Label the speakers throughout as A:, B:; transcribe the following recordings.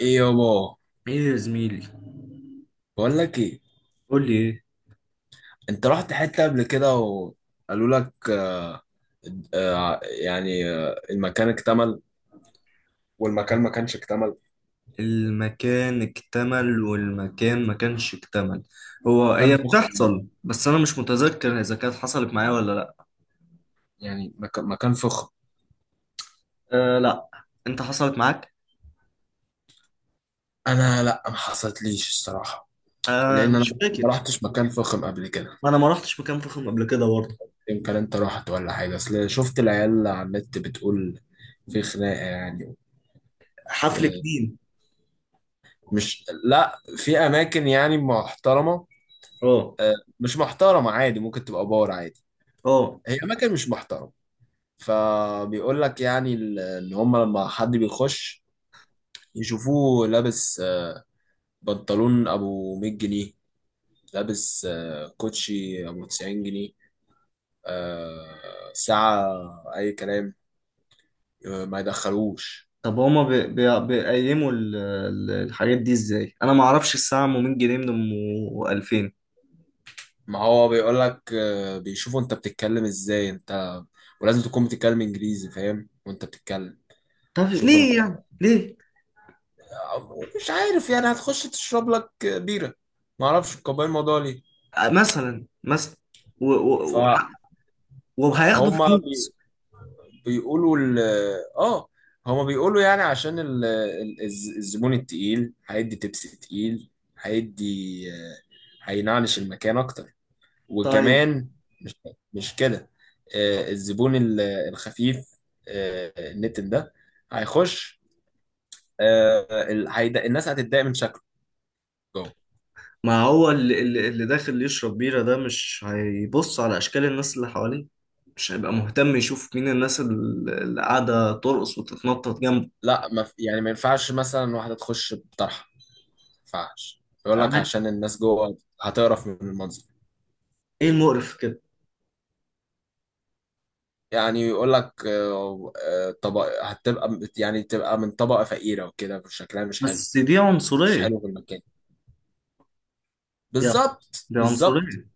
A: ايه يابا.
B: ايه يا زميلي.
A: بقول لك ايه؟
B: قول لي ايه.
A: انت رحت حته قبل كده وقالوا لك المكان اكتمل، والمكان ما كانش اكتمل،
B: المكان اكتمل والمكان ما كانش اكتمل. هو
A: وكان
B: هي
A: فخم،
B: بتحصل، بس انا مش متذكر اذا كانت حصلت معايا ولا لا.
A: يعني مكان فخم.
B: آه لا، انت حصلت معاك.
A: انا لا، ما حصلتليش الصراحه،
B: آه
A: لان انا
B: مش فاكر.
A: ما رحتش مكان فخم قبل كده.
B: ما انا ما رحتش مكان فخم قبل كده برضه.
A: يمكن انت رحت ولا حاجه، اصل شفت العيال على النت بتقول في خناقه يعني،
B: حفل كديم.
A: ومش لا في اماكن يعني محترمه.
B: اه،
A: آه، مش محترمه عادي، ممكن تبقى بار عادي.
B: اه.
A: هي اماكن مش محترمه. فبيقول لك يعني ان هم لما حد بيخش يشوفوه لابس بنطلون ابو 100 جنيه، لابس كوتشي ابو 90 جنيه، ساعة، اي كلام، ما يدخلوش.
B: طب هما بي بي بيقيموا الحاجات دي ازاي؟ انا ما اعرفش الساعه ام 100 جنيه من ام 2000.
A: ما هو بيقول لك بيشوفوا انت بتتكلم ازاي، انت ولازم تكون بتتكلم انجليزي، فاهم؟ وانت بتتكلم.
B: طب
A: شوف انت،
B: ليه يعني ليه؟
A: مش عارف يعني، هتخش تشرب لك بيرة، ما اعرفش قبل الموضوع ليه.
B: مثلا مثلا وهياخدوا
A: فهما
B: فلوس.
A: بيقولوا ال اه هما بيقولوا يعني عشان الزبون التقيل هيدي تبس تقيل، هيدي آه، هينعلش المكان اكتر.
B: طيب
A: وكمان مش مش كده. الزبون الخفيف، النتن ده هيخش، الناس هتتضايق من شكله جوه.
B: ما هو اللي داخل يشرب بيرة ده مش هيبص على أشكال الناس اللي حواليه. مش هيبقى مهتم يشوف مين الناس اللي قاعدة ترقص وتتنطط جنبه.
A: لا ما في- يعني ما ينفعش مثلا واحدة تخش بطرحة. ما ينفعش يقول لك
B: أنا-
A: عشان الناس جوه هتقرف من المنظر.
B: إيه المقرف في كده؟
A: يعني يقول لك هتبقى يعني تبقى من طبقة فقيرة، وكده شكلها مش حلو،
B: بس دي
A: مش
B: عنصرية.
A: حلو في المكان.
B: يا
A: بالظبط،
B: دي
A: بالظبط.
B: عنصرية.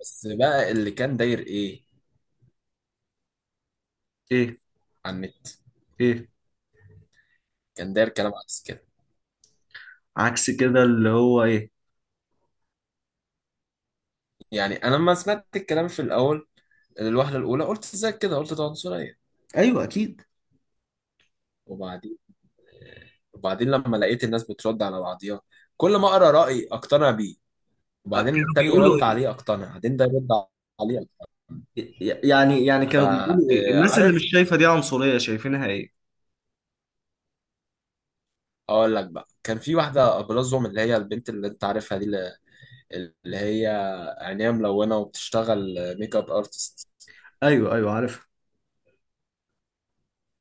A: بس بقى اللي كان داير ايه
B: إيه؟
A: على النت،
B: إيه
A: كان داير كلام عكس كده.
B: عكس كده اللي هو إيه؟
A: يعني انا لما سمعت الكلام في الاول، الوهلة الاولى قلت ازاي كده، قلت ده عنصرية.
B: أيوه أكيد.
A: وبعدين وبعدين لما لقيت الناس بترد على بعضيها، كل ما اقرا رأي اقتنع بيه، وبعدين
B: كانوا
A: التاني
B: بيقولوا
A: يرد
B: إيه؟
A: عليه اقتنع، بعدين ده يرد عليه اقتنع.
B: يعني كانوا بيقولوا إيه؟ الناس اللي
A: فعارف،
B: مش شايفة دي عنصرية شايفينها إيه؟
A: اقول لك بقى، كان في واحده ابرزهم، اللي هي البنت اللي انت عارفها دي، اللي هي عينيها ملونه وبتشتغل ميك اب ارتست.
B: أيوه أيوه، عارفها.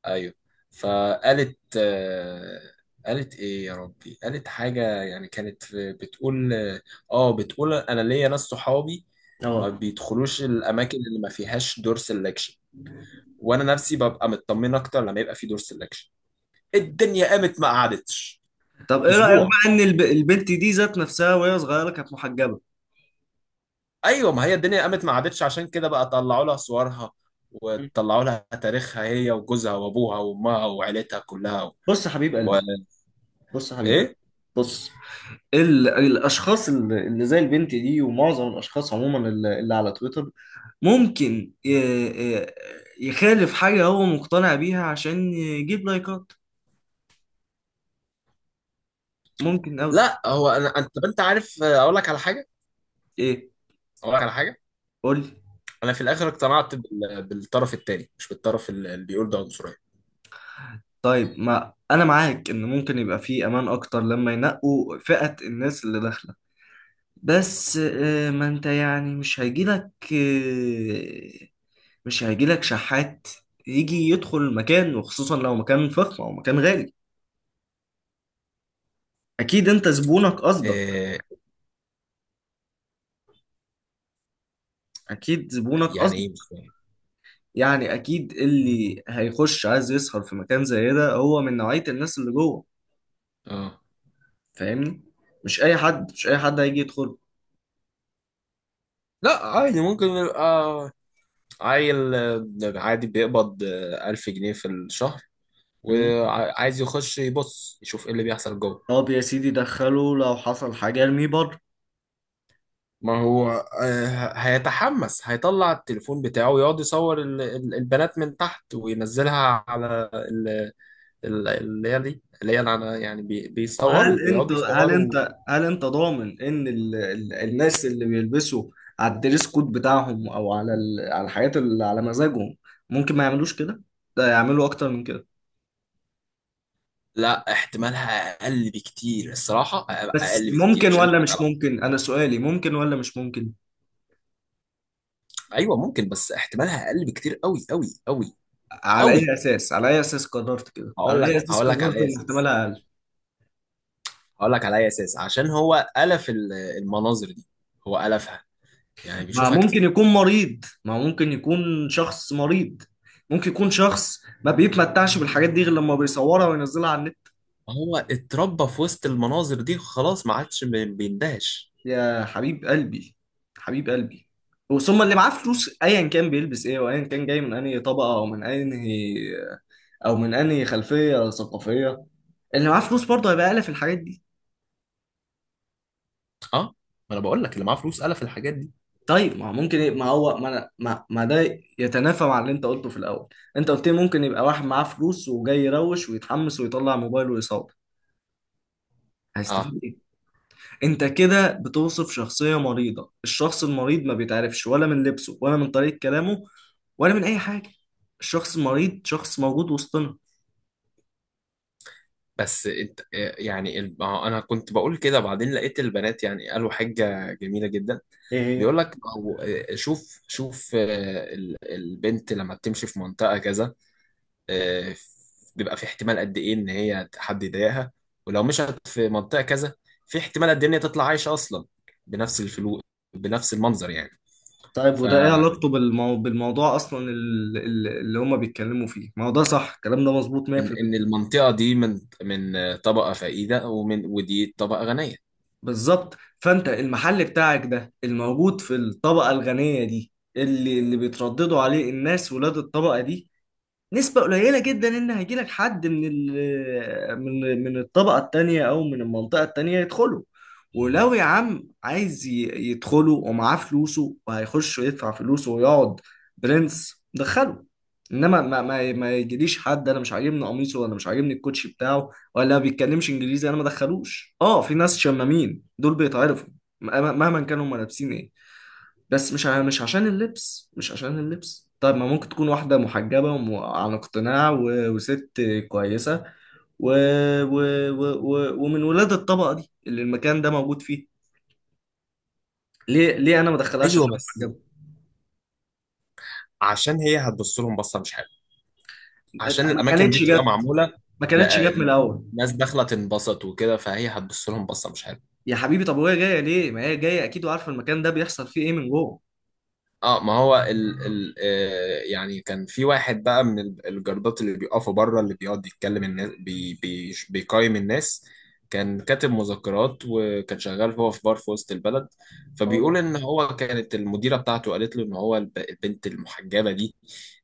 A: ايوه. فقالت قالت ايه يا ربي، قالت حاجه يعني، كانت بتقول، اه بتقول انا ليا ناس صحابي ما
B: أه.
A: بيدخلوش الاماكن اللي ما فيهاش دور سelection، وانا نفسي ببقى مطمن اكتر لما يبقى في دور سelection. الدنيا قامت ما قعدتش
B: طب ايه رأيك
A: اسبوع.
B: بقى ان البنت دي ذات نفسها وهي صغيرة كانت محجبة؟
A: ايوه، ما هي الدنيا قامت ما عادتش، عشان كده بقى طلعوا لها صورها، وطلعوا لها تاريخها، هي وجوزها وابوها وامها وعيلتها كلها،
B: بص يا حبيب
A: و...
B: قلبي. بص يا حبيب قلبي.
A: ايه.
B: بص، الاشخاص اللي زي البنت دي ومعظم الاشخاص عموما اللي على تويتر ممكن ي- يخالف حاجة هو مقتنع بيها عشان يجيب لايكات. ممكن أوي.
A: لا هو انا، انت عارف، اقول لك على حاجه،
B: إيه؟
A: اقول لك على حاجه.
B: قول لي.
A: انا في الاخر اقتنعت بالطرف التاني، مش بالطرف اللي بيقول ده عنصريه.
B: طيب ما أنا معاك إن ممكن يبقى فيه أمان أكتر لما ينقوا فئة الناس اللي داخلة. بس ما أنت يعني مش هيجيلك مش هيجيلك شحات يجي يدخل المكان، وخصوصا لو مكان فخم او مكان غالي. اكيد انت زبونك قصدك.
A: إيه؟
B: اكيد زبونك
A: يعني ايه؟
B: قصدك.
A: مش فاهم.
B: يعني اكيد اللي هيخش عايز يسهر في مكان زي ده هو من نوعية الناس اللي جوه.
A: اه،
B: فاهمني؟ مش اي حد، مش اي حد هيجي يدخل.
A: لا عادي، ممكن يبقى عيل عادي بيقبض 1000 جنيه في الشهر،
B: مم.
A: وعايز يخش يبص يشوف ايه اللي بيحصل جوه.
B: طب يا سيدي دخله، لو حصل حاجة ارميه بره.
A: ما هو هيتحمس، هيطلع التليفون بتاعه ويقعد يصور البنات من تحت وينزلها على اللي هي دي، اللي هي اللي يعني بيصوروا،
B: وهل انت
A: بيقعدوا
B: هل
A: يصوروا.
B: انت هل انت ضامن ان الناس اللي بيلبسوا على الدريس كود بتاعهم او على ال... على الحاجات اللي على مزاجهم ممكن ما يعملوش كده؟ ده يعملوا اكتر من كده.
A: لا، احتمالها اقل بكتير الصراحه،
B: بس
A: اقل بكتير،
B: ممكن
A: مش
B: ولا
A: هنضحك
B: مش
A: على بعض.
B: ممكن؟ انا سؤالي، ممكن ولا مش ممكن؟
A: ايوه ممكن، بس احتمالها اقل بكتير، قوي قوي قوي
B: على
A: قوي.
B: اي اساس؟ على اي اساس قررت كده؟ على اي اساس
A: هقول لك على
B: قررت
A: اي
B: ان
A: اساس،
B: احتمالها اقل؟
A: هقول لك على اي اساس، عشان هو الف المناظر دي، هو الفها، يعني
B: ما
A: بيشوفها
B: ممكن
A: كتير.
B: يكون مريض، ما ممكن يكون شخص مريض. ممكن يكون شخص ما بيتمتعش بالحاجات دي غير لما بيصورها وينزلها على النت.
A: هو اتربى في وسط المناظر دي، خلاص ما عادش بيندهش.
B: يا حبيب قلبي، حبيب قلبي، وثم اللي معاه فلوس ايا كان بيلبس ايه وايا كان جاي من انهي طبقه او من انهي او من انهي خلفيه ثقافيه، اللي معاه فلوس برضه هيبقى اقل في الحاجات دي.
A: اه، ما انا بقول لك اللي معاه فلوس قال في الحاجات دي.
B: طيب ما هو ممكن ايه؟ ما هو ما, أنا- ما ما ده يتنافى مع اللي انت قلته في الاول. انت قلت لي ممكن يبقى واحد معاه فلوس وجاي يروش ويتحمس ويطلع موبايله ويصور.
A: اه،
B: هيستفيد ايه؟ انت كده بتوصف شخصية مريضة. الشخص المريض ما بيتعرفش ولا من لبسه ولا من طريقة كلامه ولا من اي حاجة. الشخص المريض شخص موجود وسطنا.
A: بس انت يعني ما هو انا كنت بقول كده، بعدين لقيت البنات يعني قالوا حاجة جميلة جدا.
B: ايه؟ هي؟
A: بيقول لك او شوف شوف، البنت لما بتمشي في منطقة كذا، آه، بيبقى في احتمال قد ايه ان هي حد يضايقها، ولو مشت في منطقة كذا، في احتمال قد ايه ان هي تطلع عايشة اصلا بنفس الفلوس، بنفس المنظر. يعني
B: طيب وده ايه علاقته بالمو... بالموضوع اصلا اللي هما بيتكلموا فيه؟ ما هو ده صح، الكلام ده مظبوط
A: ان
B: 100%.
A: المنطقه دي من طبقه فقيره، ودي طبقه غنيه.
B: بالظبط، فانت المحل بتاعك ده الموجود في الطبقة الغنية دي اللي بيترددوا عليه الناس ولاد الطبقة دي، نسبة قليلة جدا إن هيجيلك حد من ال من من الطبقة التانية أو من المنطقة التانية يدخله. ولو يا عم عايز يدخله ومعاه فلوسه وهيخش ويدفع فلوسه ويقعد، برنس دخله. إنما ما يجيليش حد أنا مش عاجبني قميصه، ولا مش عاجبني الكوتشي بتاعه، ولا ما بيتكلمش إنجليزي أنا ما دخلوش. أه، في ناس شمامين دول بيتعرفوا مهما كانوا هما لابسين إيه، بس مش عشان اللبس، مش عشان اللبس. طيب ما ممكن تكون واحدة محجبة وعن اقتناع وست كويسة و... و... و... و... ومن ولاد الطبقة دي اللي المكان ده موجود فيه، ليه، ليه انا ما ادخلهاش
A: ايوه،
B: عشان
A: بس
B: محجبة؟
A: عشان هي هتبص لهم بصه مش حلوه، عشان
B: ما
A: الاماكن دي
B: كانتش
A: بتبقى
B: جت،
A: معموله،
B: ما كانتش
A: لا-
B: جت من الاول.
A: الناس داخله تنبسط وكده، فهي هتبص لهم بصه مش حلوه.
B: يا حبيبي طب وهي جاية ليه؟ ما هي جاية اكيد وعارفة المكان ده بيحصل فيه ايه من جوه.
A: اه ما هو ال ال آه يعني كان في واحد بقى من الجردات اللي بيقفوا بره، اللي بيقعد يتكلم الناس، بي بي بيقيم الناس. كان كاتب مذكرات وكان شغال هو في بار في وسط البلد، فبيقول
B: اه.
A: ان هو كانت المديرة بتاعته قالت له ان هو البنت المحجبة دي،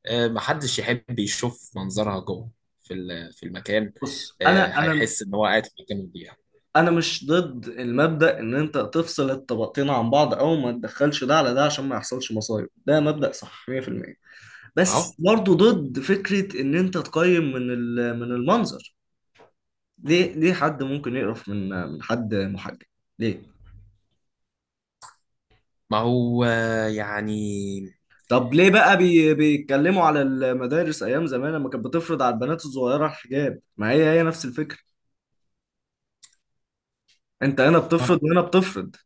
A: آه محدش يحب يشوف منظرها جوه في في المكان.
B: بص،
A: آه هيحس ان هو قاعد في مكان مضيع.
B: انا مش ضد المبدأ ان انت تفصل الطبقتين عن بعض او ما تدخلش ده على ده عشان ما يحصلش مصايب، ده مبدأ صح 100%.
A: اهو.
B: بس برضه ضد فكرة ان انت تقيم من من المنظر. ليه؟ ليه حد ممكن يقرف من حد محجب؟ ليه؟
A: ما هو
B: طب ليه بقى بيتكلموا على المدارس ايام زمان لما كانت بتفرض على البنات الصغيرة الحجاب؟ ما هي هي نفس الفكرة. انت هنا بتفرض
A: آه،
B: وهنا بتفرض.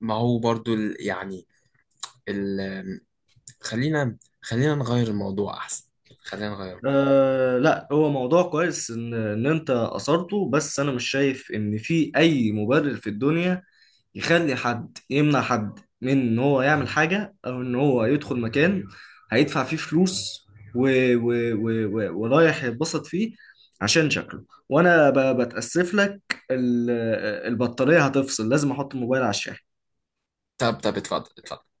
A: ما هو برضو ال... خلينا، خلينا نغير الموضوع احسن، خلينا نغير الموضوع.
B: أه لا، هو موضوع كويس ان انت اثرته. بس انا مش شايف ان في اي مبرر في الدنيا يخلي حد يمنع حد من ان هو يعمل حاجه او ان هو يدخل مكان هيدفع فيه فلوس و و ورايح يتبسط فيه عشان شكله. وانا بتاسف لك. ال- البطاريه هتفصل، لازم احط الموبايل على الشاحن.
A: طب طب، اتفضل اتفضل.